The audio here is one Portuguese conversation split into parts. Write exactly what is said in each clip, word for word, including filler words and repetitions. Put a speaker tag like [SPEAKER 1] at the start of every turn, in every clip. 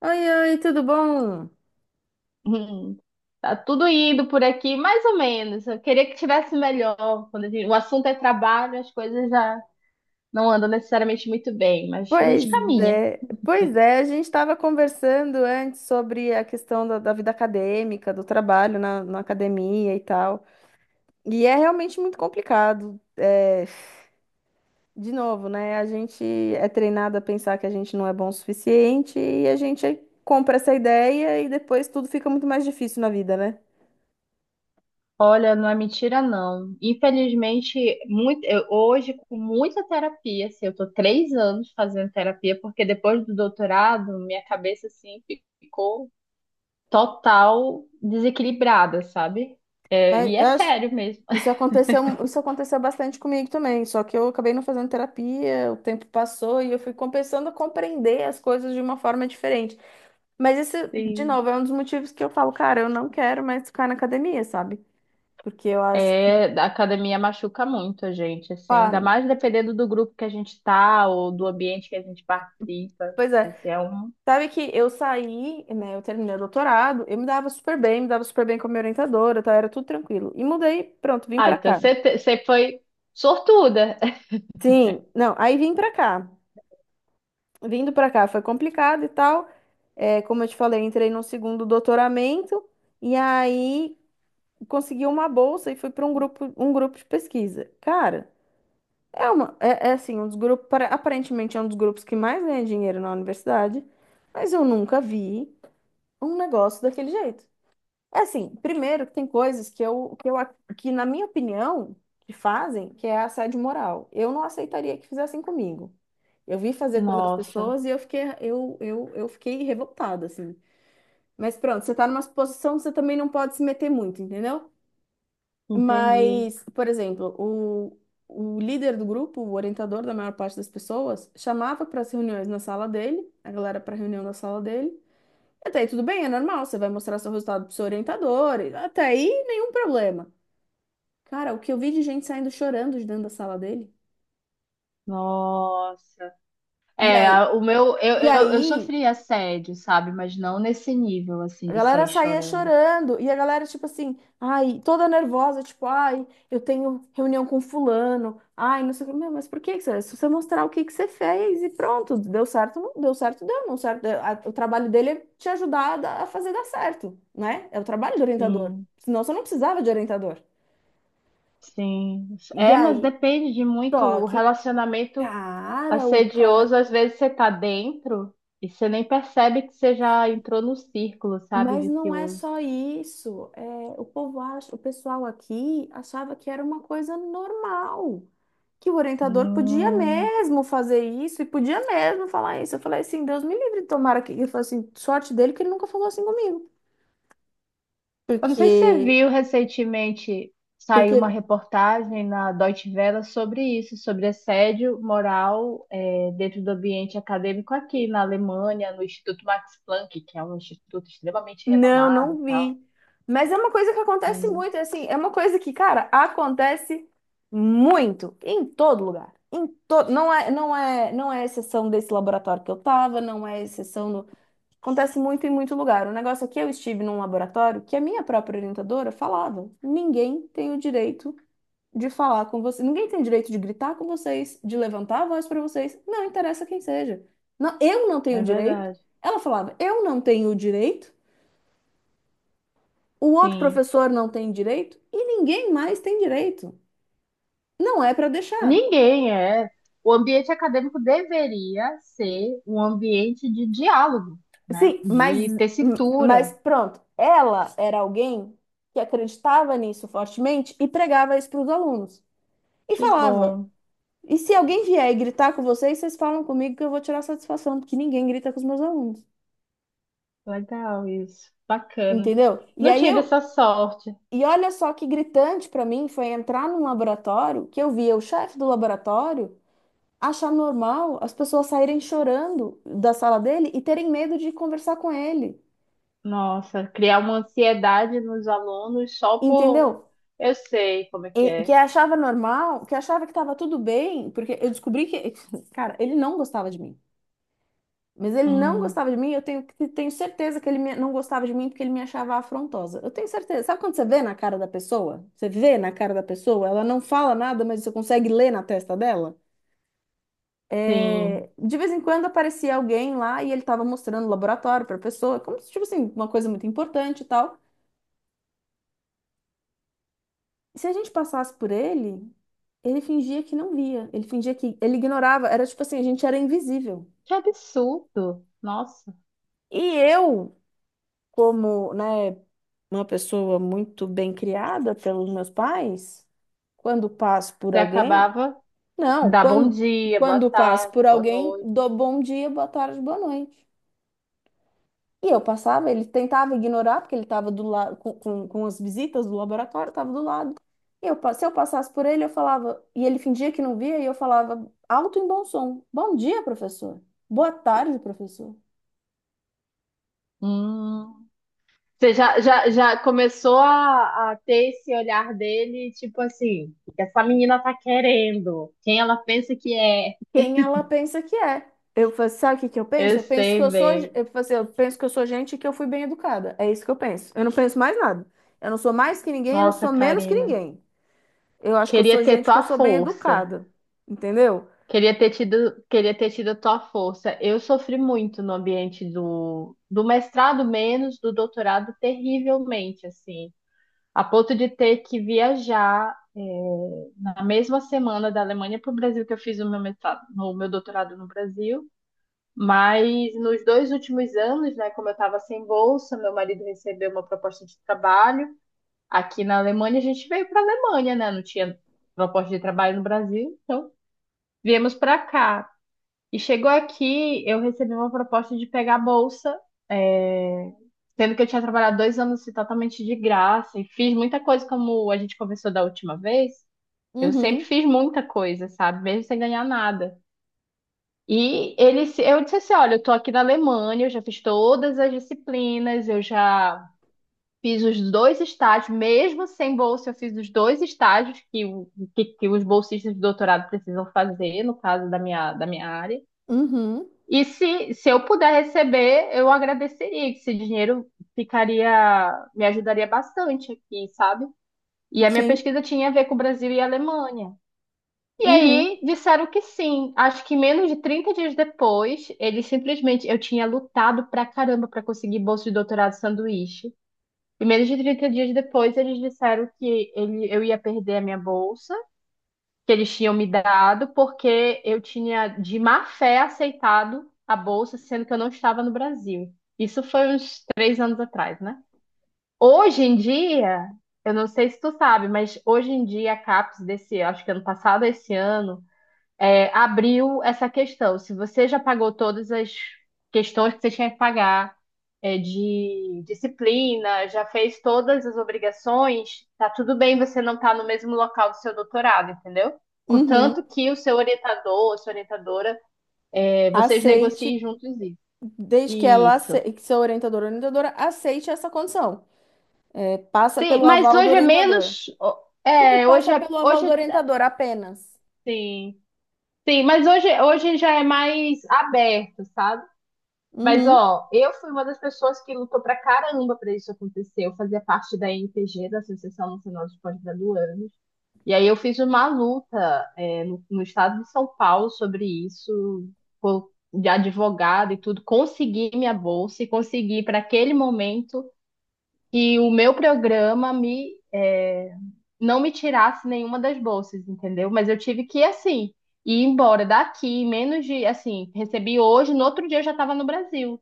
[SPEAKER 1] Oi, oi, tudo bom?
[SPEAKER 2] Hum. Tá tudo indo por aqui, mais ou menos. Eu queria que tivesse melhor. Quando a gente- o assunto é trabalho, as coisas já não andam necessariamente muito bem, mas a
[SPEAKER 1] Pois
[SPEAKER 2] gente caminha.
[SPEAKER 1] é, pois é, a gente estava conversando antes sobre a questão da, da vida acadêmica, do trabalho na, na academia e tal. E é realmente muito complicado. É, de novo, né? A gente é treinado a pensar que a gente não é bom o suficiente e a gente compra essa ideia e depois tudo fica muito mais difícil na vida, né?
[SPEAKER 2] Olha, não é mentira, não. Infelizmente, muito, eu- hoje, com muita terapia, assim, eu tô três anos fazendo terapia, porque depois do doutorado, minha cabeça, assim, ficou total desequilibrada, sabe? É, e
[SPEAKER 1] É,
[SPEAKER 2] é
[SPEAKER 1] eu acho-
[SPEAKER 2] sério mesmo.
[SPEAKER 1] Isso aconteceu, isso aconteceu bastante comigo também, só que eu acabei não fazendo terapia, o tempo passou e eu fui começando a compreender as coisas de uma forma diferente. Mas esse, de novo, É um dos motivos que eu falo, cara, eu não quero mais ficar na academia, sabe? Porque eu acho que,
[SPEAKER 2] É, a academia machuca muito a gente, assim, ainda
[SPEAKER 1] pá,
[SPEAKER 2] mais dependendo do grupo que a gente tá ou do ambiente que a gente participa.
[SPEAKER 1] pois é,
[SPEAKER 2] Assim, é um...
[SPEAKER 1] sabe que eu saí, né, eu terminei o doutorado, eu me dava super bem, me dava super bem com a minha orientadora, tá, era tudo tranquilo. E mudei, pronto, vim
[SPEAKER 2] Ah,
[SPEAKER 1] pra
[SPEAKER 2] então
[SPEAKER 1] cá.
[SPEAKER 2] você te- você foi sortuda.
[SPEAKER 1] Sim, não, aí vim pra cá. Vindo pra cá foi complicado e tal. É, como eu te falei, entrei no segundo doutoramento e aí consegui uma bolsa e fui para um grupo, um grupo de pesquisa. Cara, é uma, é, é assim, um dos grupos, para- aparentemente é um dos grupos que mais ganha dinheiro na universidade, mas eu nunca vi um negócio daquele jeito. É assim, primeiro que tem coisas que eu, que eu, ac- que na minha opinião, que fazem, que é assédio moral. Eu não aceitaria que fizessem comigo. Eu vi fazer com outras
[SPEAKER 2] Nossa,
[SPEAKER 1] pessoas e eu fiquei, eu, eu, eu fiquei revoltada, assim. Mas pronto, você tá numa posição que você também não pode se meter muito, entendeu?
[SPEAKER 2] entendi.
[SPEAKER 1] Mas, por exemplo, o, o líder do grupo, o orientador da maior parte das pessoas, chamava para as reuniões na sala dele, a galera para reunião na sala dele, até aí tudo bem, é normal, você vai mostrar seu resultado pro seu orientador, e até aí nenhum problema. Cara, o que eu vi de gente saindo chorando de dentro da sala dele?
[SPEAKER 2] Nossa.
[SPEAKER 1] E
[SPEAKER 2] É,
[SPEAKER 1] aí,
[SPEAKER 2] a- o meu, eu,
[SPEAKER 1] e
[SPEAKER 2] eu, eu
[SPEAKER 1] aí,
[SPEAKER 2] sofri assédio, sabe? Mas não nesse nível, assim,
[SPEAKER 1] a
[SPEAKER 2] de
[SPEAKER 1] galera
[SPEAKER 2] sair
[SPEAKER 1] saía
[SPEAKER 2] chorando.
[SPEAKER 1] chorando, e a galera, tipo assim, ai, toda nervosa, tipo, ai, eu tenho reunião com fulano, ai, não sei o que. Meu, mas por que que você? Se você mostrar o que que você fez e pronto, deu certo, não deu certo, deu, não certo. Deu. A- O trabalho dele é te ajudar a dar- a fazer dar certo, né? É o trabalho do orientador.
[SPEAKER 2] Sim,
[SPEAKER 1] Senão você não precisava de orientador.
[SPEAKER 2] sim.
[SPEAKER 1] E
[SPEAKER 2] É, mas
[SPEAKER 1] aí,
[SPEAKER 2] depende de muito
[SPEAKER 1] Só
[SPEAKER 2] o
[SPEAKER 1] que,
[SPEAKER 2] relacionamento.
[SPEAKER 1] cara, o
[SPEAKER 2] Assedioso,
[SPEAKER 1] cara.
[SPEAKER 2] às vezes você tá dentro e você nem percebe que você já entrou no círculo, sabe,
[SPEAKER 1] Mas não é
[SPEAKER 2] vicioso.
[SPEAKER 1] só isso. É, o povo acha, o pessoal aqui achava que era uma coisa normal, que o orientador podia
[SPEAKER 2] Hum,
[SPEAKER 1] mesmo fazer isso e podia mesmo falar isso. Eu falei assim, Deus me livre, tomara que. Eu falei assim, sorte dele que ele nunca falou assim comigo.
[SPEAKER 2] Eu não sei se você
[SPEAKER 1] Porque,
[SPEAKER 2] viu recentemente, saiu uma
[SPEAKER 1] porque
[SPEAKER 2] reportagem na Deutsche Welle sobre isso, sobre assédio moral, eh, dentro do ambiente acadêmico aqui na Alemanha, no Instituto Max Planck, que é um instituto extremamente
[SPEAKER 1] Não,
[SPEAKER 2] renomado
[SPEAKER 1] não
[SPEAKER 2] e tal.
[SPEAKER 1] vi. Mas é uma coisa que acontece
[SPEAKER 2] Sim,
[SPEAKER 1] muito, assim, é uma coisa que, cara, acontece muito em todo lugar. Em todo, não é, não é, não é exceção desse laboratório que eu tava, não é exceção no, acontece muito em muito lugar. O negócio é que eu estive num laboratório que a minha própria orientadora falava: ninguém tem o direito de falar com você, ninguém tem o direito de gritar com vocês, de levantar a voz para vocês, não interessa quem seja. Não, eu não tenho o
[SPEAKER 2] é
[SPEAKER 1] direito.
[SPEAKER 2] verdade.
[SPEAKER 1] Ela falava: eu não tenho o direito, o outro
[SPEAKER 2] Sim.
[SPEAKER 1] professor não tem direito e ninguém mais tem direito. Não é para deixar.
[SPEAKER 2] Ninguém é. O ambiente acadêmico deveria ser um ambiente de diálogo, né?
[SPEAKER 1] Sim, mas,
[SPEAKER 2] De
[SPEAKER 1] mas
[SPEAKER 2] tessitura.
[SPEAKER 1] pronto. Ela era alguém que acreditava nisso fortemente e pregava isso para os alunos. E
[SPEAKER 2] Que
[SPEAKER 1] falava:
[SPEAKER 2] bom,
[SPEAKER 1] e se alguém vier e gritar com vocês, vocês falam comigo que eu vou tirar satisfação, porque ninguém grita com os meus alunos.
[SPEAKER 2] legal isso, bacana.
[SPEAKER 1] Entendeu? E
[SPEAKER 2] Não
[SPEAKER 1] aí
[SPEAKER 2] tive
[SPEAKER 1] eu.
[SPEAKER 2] essa sorte.
[SPEAKER 1] E olha só que gritante para mim foi entrar num laboratório que eu via o chefe do laboratório achar normal as pessoas saírem chorando da sala dele e terem medo de conversar com ele,
[SPEAKER 2] Nossa, criar uma ansiedade nos alunos só por.
[SPEAKER 1] entendeu?
[SPEAKER 2] Eu sei como é
[SPEAKER 1] E
[SPEAKER 2] que
[SPEAKER 1] que
[SPEAKER 2] é.
[SPEAKER 1] achava normal, que achava que estava tudo bem, porque eu descobri que, cara, ele não gostava de mim. Mas ele não
[SPEAKER 2] Hum,
[SPEAKER 1] gostava de mim, eu tenho, tenho certeza que ele me- não gostava de mim porque ele me achava afrontosa. Eu tenho certeza. Sabe quando você vê na cara da pessoa? Você vê na cara da pessoa, ela não fala nada, mas você consegue ler na testa dela? É,
[SPEAKER 2] sim.
[SPEAKER 1] de vez em quando aparecia alguém lá e ele estava mostrando o laboratório para a pessoa, como se, tipo assim, uma coisa muito importante e tal. Se a gente passasse por ele, ele fingia que não via, ele fingia que ele ignorava, era tipo assim, a gente era invisível.
[SPEAKER 2] Que absurdo. Nossa,
[SPEAKER 1] E eu, como, né, uma pessoa muito bem criada pelos meus pais, quando passo por
[SPEAKER 2] você
[SPEAKER 1] alguém,
[SPEAKER 2] acabava de
[SPEAKER 1] não,
[SPEAKER 2] dar bom
[SPEAKER 1] quando,
[SPEAKER 2] dia, boa
[SPEAKER 1] quando passo
[SPEAKER 2] tarde,
[SPEAKER 1] por
[SPEAKER 2] boa
[SPEAKER 1] alguém,
[SPEAKER 2] noite.
[SPEAKER 1] dou bom dia, boa tarde, boa noite. E eu passava, ele tentava ignorar, porque ele estava do lado com, com, com as visitas do laboratório, estava do lado. E eu, pa- se eu passasse por ele, eu falava, e ele fingia que não via, e eu falava alto em bom som: Bom dia, professor. Boa tarde, professor.
[SPEAKER 2] Hum. Você já, já, já começou a, a ter esse olhar dele, tipo assim, o que essa menina tá querendo? Quem ela pensa que é?
[SPEAKER 1] Quem ela pensa que é? Eu falo, sabe o que que eu
[SPEAKER 2] Eu
[SPEAKER 1] penso? Eu penso
[SPEAKER 2] sei,
[SPEAKER 1] que eu sou,
[SPEAKER 2] bem.
[SPEAKER 1] eu falo assim, eu penso que eu sou gente e que eu fui bem educada. É isso que eu penso. Eu não penso mais nada. Eu não sou mais que ninguém, eu não
[SPEAKER 2] Nossa,
[SPEAKER 1] sou menos que
[SPEAKER 2] Karina.
[SPEAKER 1] ninguém. Eu acho que eu
[SPEAKER 2] Queria
[SPEAKER 1] sou
[SPEAKER 2] ter
[SPEAKER 1] gente que
[SPEAKER 2] tua
[SPEAKER 1] eu sou bem
[SPEAKER 2] força.
[SPEAKER 1] educada. Entendeu?
[SPEAKER 2] Queria ter tido, queria ter tido a tua força. Eu sofri muito no ambiente do, do mestrado, menos do doutorado, terrivelmente, assim. A ponto de ter que viajar, é, na mesma semana da Alemanha para o Brasil, que eu fiz o meu mestrado, o meu doutorado no Brasil. Mas nos dois últimos anos, né, como eu estava sem bolsa, meu marido recebeu uma proposta de trabalho aqui na Alemanha. A gente veio para a Alemanha, né? Não tinha proposta de trabalho no Brasil, então viemos para cá. E chegou aqui, eu recebi uma proposta de pegar a bolsa, é, sendo que eu tinha trabalhado dois anos assim, totalmente de graça e fiz muita coisa, como a gente conversou da última vez. Eu sempre
[SPEAKER 1] Uhum,
[SPEAKER 2] fiz muita coisa, sabe? Mesmo sem ganhar nada. E ele, se- eu disse assim, olha, eu tô aqui na Alemanha, eu já fiz todas as disciplinas, eu já fiz os dois estágios, mesmo sem bolsa, eu fiz os dois estágios que, o- que, que os bolsistas de doutorado precisam fazer, no caso da minha, da minha área.
[SPEAKER 1] uhum,
[SPEAKER 2] E se, se eu puder receber, eu agradeceria, que esse dinheiro ficaria, me ajudaria bastante aqui, sabe? E a minha
[SPEAKER 1] sim.
[SPEAKER 2] pesquisa tinha a ver com o Brasil e a Alemanha. E
[SPEAKER 1] Uhum,
[SPEAKER 2] aí disseram que sim. Acho que menos de trinta dias depois, eles simplesmente. Eu tinha lutado pra caramba pra conseguir bolsa de doutorado sanduíche. E menos de trinta dias depois, eles disseram que ele, eu ia perder a minha bolsa, que eles tinham me dado, porque eu tinha de má fé aceitado a bolsa, sendo que eu não estava no Brasil. Isso foi uns três anos atrás, né? Hoje em dia, eu não sei se tu sabe, mas hoje em dia a CAPES desse, acho que ano passado, esse ano é, abriu essa questão. Se você já pagou todas as questões que você tinha que pagar, é, de disciplina, já fez todas as obrigações, tá tudo bem você não estar no mesmo local do seu doutorado, entendeu?
[SPEAKER 1] uhum.
[SPEAKER 2] Contanto que o seu orientador, a sua orientadora, é, vocês negociem
[SPEAKER 1] Aceite,
[SPEAKER 2] juntos isso.
[SPEAKER 1] desde que ela
[SPEAKER 2] Isso.
[SPEAKER 1] aceite, que seu orientador ou orientadora aceite essa condição. É, passa
[SPEAKER 2] Sim,
[SPEAKER 1] pelo
[SPEAKER 2] mas
[SPEAKER 1] aval do
[SPEAKER 2] hoje é
[SPEAKER 1] orientador.
[SPEAKER 2] menos.
[SPEAKER 1] Tipo,
[SPEAKER 2] É, hoje
[SPEAKER 1] passa
[SPEAKER 2] é,
[SPEAKER 1] pelo aval
[SPEAKER 2] hoje
[SPEAKER 1] do
[SPEAKER 2] é,
[SPEAKER 1] orientador apenas.
[SPEAKER 2] sim. Sim, mas hoje, hoje já é mais aberto, sabe? Mas,
[SPEAKER 1] Uhum,
[SPEAKER 2] ó, eu fui uma das pessoas que lutou pra caramba pra isso acontecer. Eu fazia parte da N P G, da Associação Nacional de Pós-Graduandos. E aí eu fiz uma luta, é, no, no estado de São Paulo sobre isso, co- de advogado e tudo. Consegui minha bolsa e consegui para aquele momento que o meu programa me, é, não me tirasse nenhuma das bolsas, entendeu? Mas eu tive que, assim, ir embora daqui, menos de, assim, recebi hoje, no outro dia eu já estava no Brasil.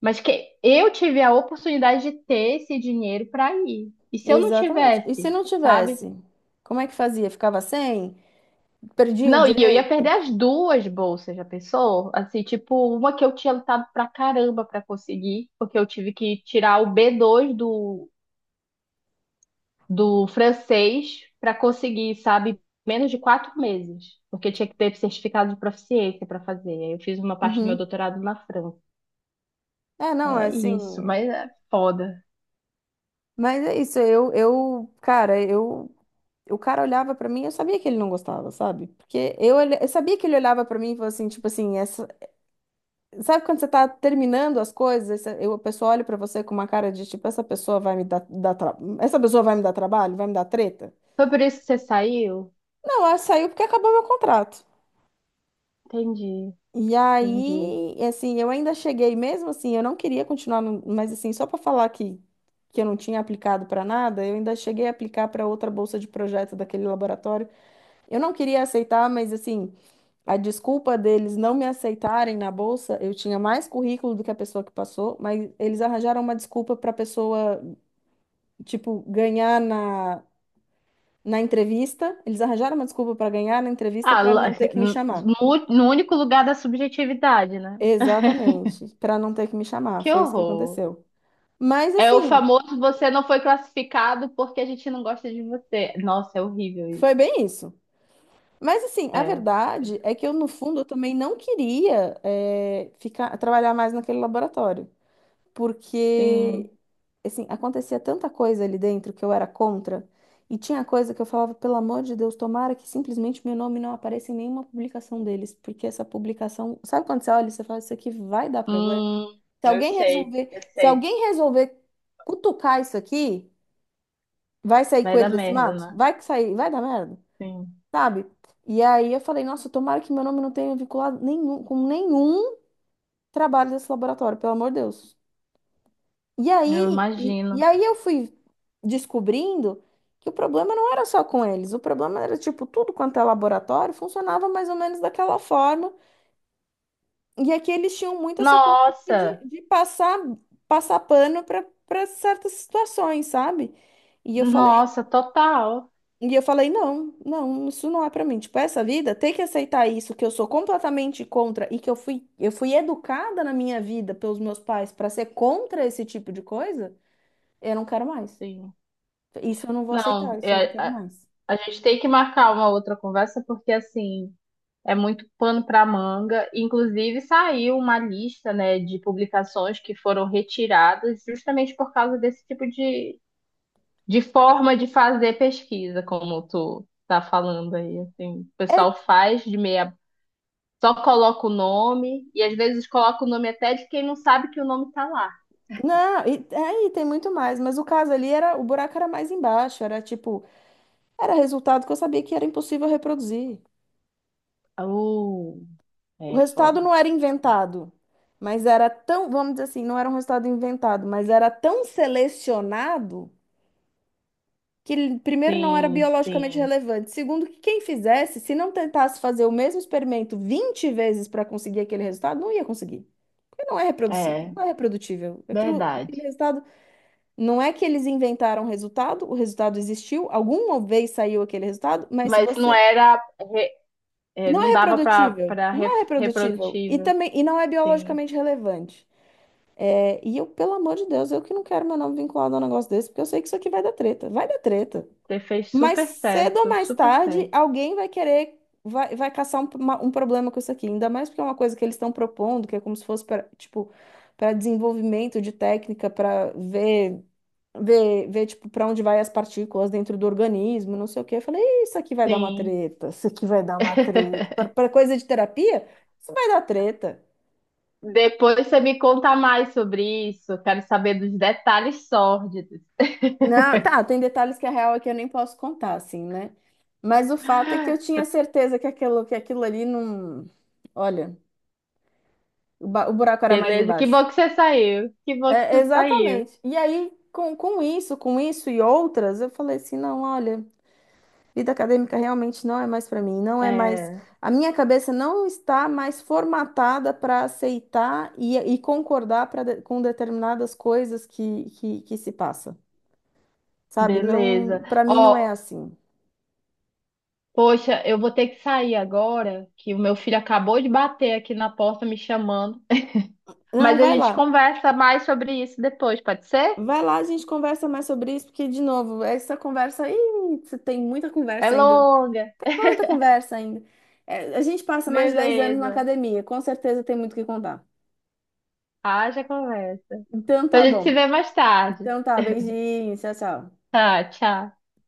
[SPEAKER 2] Mas que eu tive a oportunidade de ter esse dinheiro para ir. E se eu não
[SPEAKER 1] exatamente. E se
[SPEAKER 2] tivesse,
[SPEAKER 1] não
[SPEAKER 2] sabe?
[SPEAKER 1] tivesse? Como é que fazia? Ficava sem? Perdia o
[SPEAKER 2] Não, e eu ia perder
[SPEAKER 1] direito?
[SPEAKER 2] as duas bolsas, já pensou? Assim, tipo, uma que eu tinha lutado pra caramba pra conseguir, porque eu tive que tirar o B dois do, do francês pra conseguir, sabe? Menos de quatro meses, porque tinha que ter certificado de proficiência pra fazer. Aí eu fiz uma parte do meu
[SPEAKER 1] Uhum.
[SPEAKER 2] doutorado na França.
[SPEAKER 1] É, não, é
[SPEAKER 2] É
[SPEAKER 1] assim.
[SPEAKER 2] isso, mas é foda.
[SPEAKER 1] Mas é isso, eu, eu, cara, eu. O cara olhava pra mim, eu sabia que ele não gostava, sabe? Porque eu, olha- eu sabia que ele olhava pra mim e falou assim, tipo assim, sabe quando você tá terminando as coisas, esse- eu, a pessoa olha pra você com uma cara de tipo, essa pessoa vai me dar, dar tra- essa pessoa vai me dar trabalho, vai me dar treta?
[SPEAKER 2] Foi por isso que você saiu?
[SPEAKER 1] Não, ela saiu porque acabou meu contrato.
[SPEAKER 2] Entendi,
[SPEAKER 1] E
[SPEAKER 2] entendi.
[SPEAKER 1] aí, assim, eu ainda cheguei mesmo assim, eu não queria continuar, no- mas assim, só pra falar que que eu não tinha aplicado pra nada, eu ainda cheguei a aplicar pra outra bolsa de projeto daquele laboratório. Eu não queria aceitar, mas assim, a desculpa deles não me aceitarem na bolsa, eu tinha mais currículo do que a pessoa que passou, mas eles arranjaram uma desculpa para a pessoa, tipo, ganhar na, na entrevista. Eles arranjaram uma desculpa para ganhar na entrevista
[SPEAKER 2] Ah,
[SPEAKER 1] para
[SPEAKER 2] lá-
[SPEAKER 1] não ter que me chamar.
[SPEAKER 2] no, no único lugar da subjetividade, né?
[SPEAKER 1] Exatamente, para não ter que me chamar.
[SPEAKER 2] Que
[SPEAKER 1] Foi isso que
[SPEAKER 2] horror.
[SPEAKER 1] aconteceu. Mas
[SPEAKER 2] É o
[SPEAKER 1] assim,
[SPEAKER 2] famoso você não foi classificado porque a gente não gosta de você. Nossa, é horrível isso.
[SPEAKER 1] foi bem isso. Mas assim, a
[SPEAKER 2] É,
[SPEAKER 1] verdade é que eu, no fundo, eu também não queria eh, ficar trabalhar mais naquele laboratório. Porque
[SPEAKER 2] sim.
[SPEAKER 1] assim, acontecia tanta coisa ali dentro que eu era contra, e tinha coisa que eu falava, pelo amor de Deus, tomara que simplesmente meu nome não apareça em nenhuma publicação deles, porque essa publicação, sabe quando você olha e você fala, isso aqui vai dar problema?
[SPEAKER 2] Hum,
[SPEAKER 1] Se
[SPEAKER 2] eu
[SPEAKER 1] alguém
[SPEAKER 2] sei,
[SPEAKER 1] resolver,
[SPEAKER 2] eu
[SPEAKER 1] se
[SPEAKER 2] sei.
[SPEAKER 1] alguém resolver cutucar isso aqui, vai sair
[SPEAKER 2] Vai dar
[SPEAKER 1] coelho desse
[SPEAKER 2] merda,
[SPEAKER 1] mato?
[SPEAKER 2] né?
[SPEAKER 1] Vai que sair, vai dar merda,
[SPEAKER 2] Sim,
[SPEAKER 1] sabe? E aí eu falei, nossa, tomara que meu nome não tenha vinculado nenhum, com nenhum trabalho desse laboratório, pelo amor de Deus. E
[SPEAKER 2] eu
[SPEAKER 1] aí, e, e
[SPEAKER 2] imagino.
[SPEAKER 1] aí eu fui descobrindo que o problema não era só com eles, o problema era, tipo, tudo quanto é laboratório funcionava mais ou menos daquela forma. E aqui eles tinham muito essa cultura de,
[SPEAKER 2] Nossa,
[SPEAKER 1] de passar, passar pano para certas situações, sabe? E eu falei,
[SPEAKER 2] nossa, total.
[SPEAKER 1] e eu falei, não, não, isso não é para mim. Tipo, essa vida, ter que aceitar isso, que eu sou completamente contra e que eu fui, eu fui educada na minha vida pelos meus pais para ser contra esse tipo de coisa, eu não quero mais.
[SPEAKER 2] Sim.
[SPEAKER 1] Isso eu não vou aceitar,
[SPEAKER 2] Não,
[SPEAKER 1] isso eu não
[SPEAKER 2] é-
[SPEAKER 1] quero
[SPEAKER 2] a,
[SPEAKER 1] mais.
[SPEAKER 2] a gente tem que marcar uma outra conversa porque assim. É muito pano para manga. Inclusive, saiu uma lista, né, de publicações que foram retiradas justamente por causa desse tipo de, de forma de fazer pesquisa, como tu tá falando aí, assim. O
[SPEAKER 1] É,
[SPEAKER 2] pessoal faz de meia, só coloca o nome e às vezes coloca o nome até de quem não sabe que o nome tá lá.
[SPEAKER 1] não, e, é, e tem muito mais, mas o caso ali era, o buraco era mais embaixo, era tipo, era resultado que eu sabia que era impossível reproduzir.
[SPEAKER 2] Uh,
[SPEAKER 1] O
[SPEAKER 2] é
[SPEAKER 1] resultado
[SPEAKER 2] foda.
[SPEAKER 1] não era inventado, mas era tão, vamos dizer assim, não era um resultado inventado, mas era tão selecionado que ele, primeiro não era
[SPEAKER 2] Sim,
[SPEAKER 1] biologicamente
[SPEAKER 2] sim.
[SPEAKER 1] relevante, segundo que quem fizesse, se não tentasse fazer o mesmo experimento vinte vezes para conseguir aquele resultado, não ia conseguir. Porque não é reproduzível,
[SPEAKER 2] É,
[SPEAKER 1] não é reprodutível. Aquilo,
[SPEAKER 2] verdade.
[SPEAKER 1] aquele resultado. Não é que eles inventaram o resultado, o resultado existiu, alguma vez saiu aquele resultado, mas se
[SPEAKER 2] Mas não
[SPEAKER 1] você
[SPEAKER 2] era, re- é,
[SPEAKER 1] não é
[SPEAKER 2] não dava para
[SPEAKER 1] reprodutível,
[SPEAKER 2] para
[SPEAKER 1] não é reprodutível e
[SPEAKER 2] reprodutível,
[SPEAKER 1] também e não é
[SPEAKER 2] sim.
[SPEAKER 1] biologicamente relevante. É, e eu, pelo amor de Deus, eu que não quero meu nome vinculado a um negócio desse, porque eu sei que isso aqui vai dar treta, vai dar treta.
[SPEAKER 2] Você fez
[SPEAKER 1] Mas
[SPEAKER 2] super
[SPEAKER 1] cedo ou
[SPEAKER 2] certo,
[SPEAKER 1] mais
[SPEAKER 2] super
[SPEAKER 1] tarde,
[SPEAKER 2] certo.
[SPEAKER 1] alguém vai querer, vai, vai caçar um, uma- um problema com isso aqui, ainda mais porque é uma coisa que eles estão propondo, que é como se fosse para, tipo, para desenvolvimento de técnica, para ver. ver, ver tipo, para onde vai as partículas dentro do organismo, não sei o quê. Eu falei, isso aqui vai dar uma
[SPEAKER 2] Sim.
[SPEAKER 1] treta, isso aqui vai dar uma treta. Para para coisa de terapia, isso vai dar treta.
[SPEAKER 2] Depois você me conta mais sobre isso. Quero saber dos detalhes sórdidos.
[SPEAKER 1] Não, tá, tem detalhes que a real é que eu nem posso contar, assim, né? Mas o fato é que eu tinha certeza que aquilo, que aquilo ali não. Olha, o, ba- o buraco era mais
[SPEAKER 2] Beleza? Que
[SPEAKER 1] embaixo.
[SPEAKER 2] bom que você saiu. Que bom que
[SPEAKER 1] É,
[SPEAKER 2] você saiu.
[SPEAKER 1] exatamente. E aí, com, com isso, com isso e outras, eu falei assim, não, olha. Vida acadêmica realmente não é mais para mim, não é mais.
[SPEAKER 2] É,
[SPEAKER 1] A minha cabeça não está mais formatada para aceitar e, e concordar pra de- com determinadas coisas que, que, que se passa, sabe?
[SPEAKER 2] beleza.
[SPEAKER 1] Não, para mim não é
[SPEAKER 2] Ó,
[SPEAKER 1] assim.
[SPEAKER 2] poxa, eu vou ter que sair agora, que o meu filho acabou de bater aqui na porta me chamando.
[SPEAKER 1] Não,
[SPEAKER 2] Mas a
[SPEAKER 1] vai
[SPEAKER 2] gente
[SPEAKER 1] lá.
[SPEAKER 2] conversa mais sobre isso depois, pode ser?
[SPEAKER 1] Vai lá, a gente conversa mais sobre isso, porque, de novo, essa conversa aí, você tem muita
[SPEAKER 2] É
[SPEAKER 1] conversa ainda.
[SPEAKER 2] longa.
[SPEAKER 1] Muita conversa ainda. É, a gente passa mais de dez anos na
[SPEAKER 2] Beleza.
[SPEAKER 1] academia, com certeza tem muito o que contar.
[SPEAKER 2] Haja conversa.
[SPEAKER 1] Então
[SPEAKER 2] Então a
[SPEAKER 1] tá
[SPEAKER 2] gente se
[SPEAKER 1] bom.
[SPEAKER 2] vê mais tarde.
[SPEAKER 1] Então tá, beijinho, tchau, tchau.
[SPEAKER 2] Tá, tchau.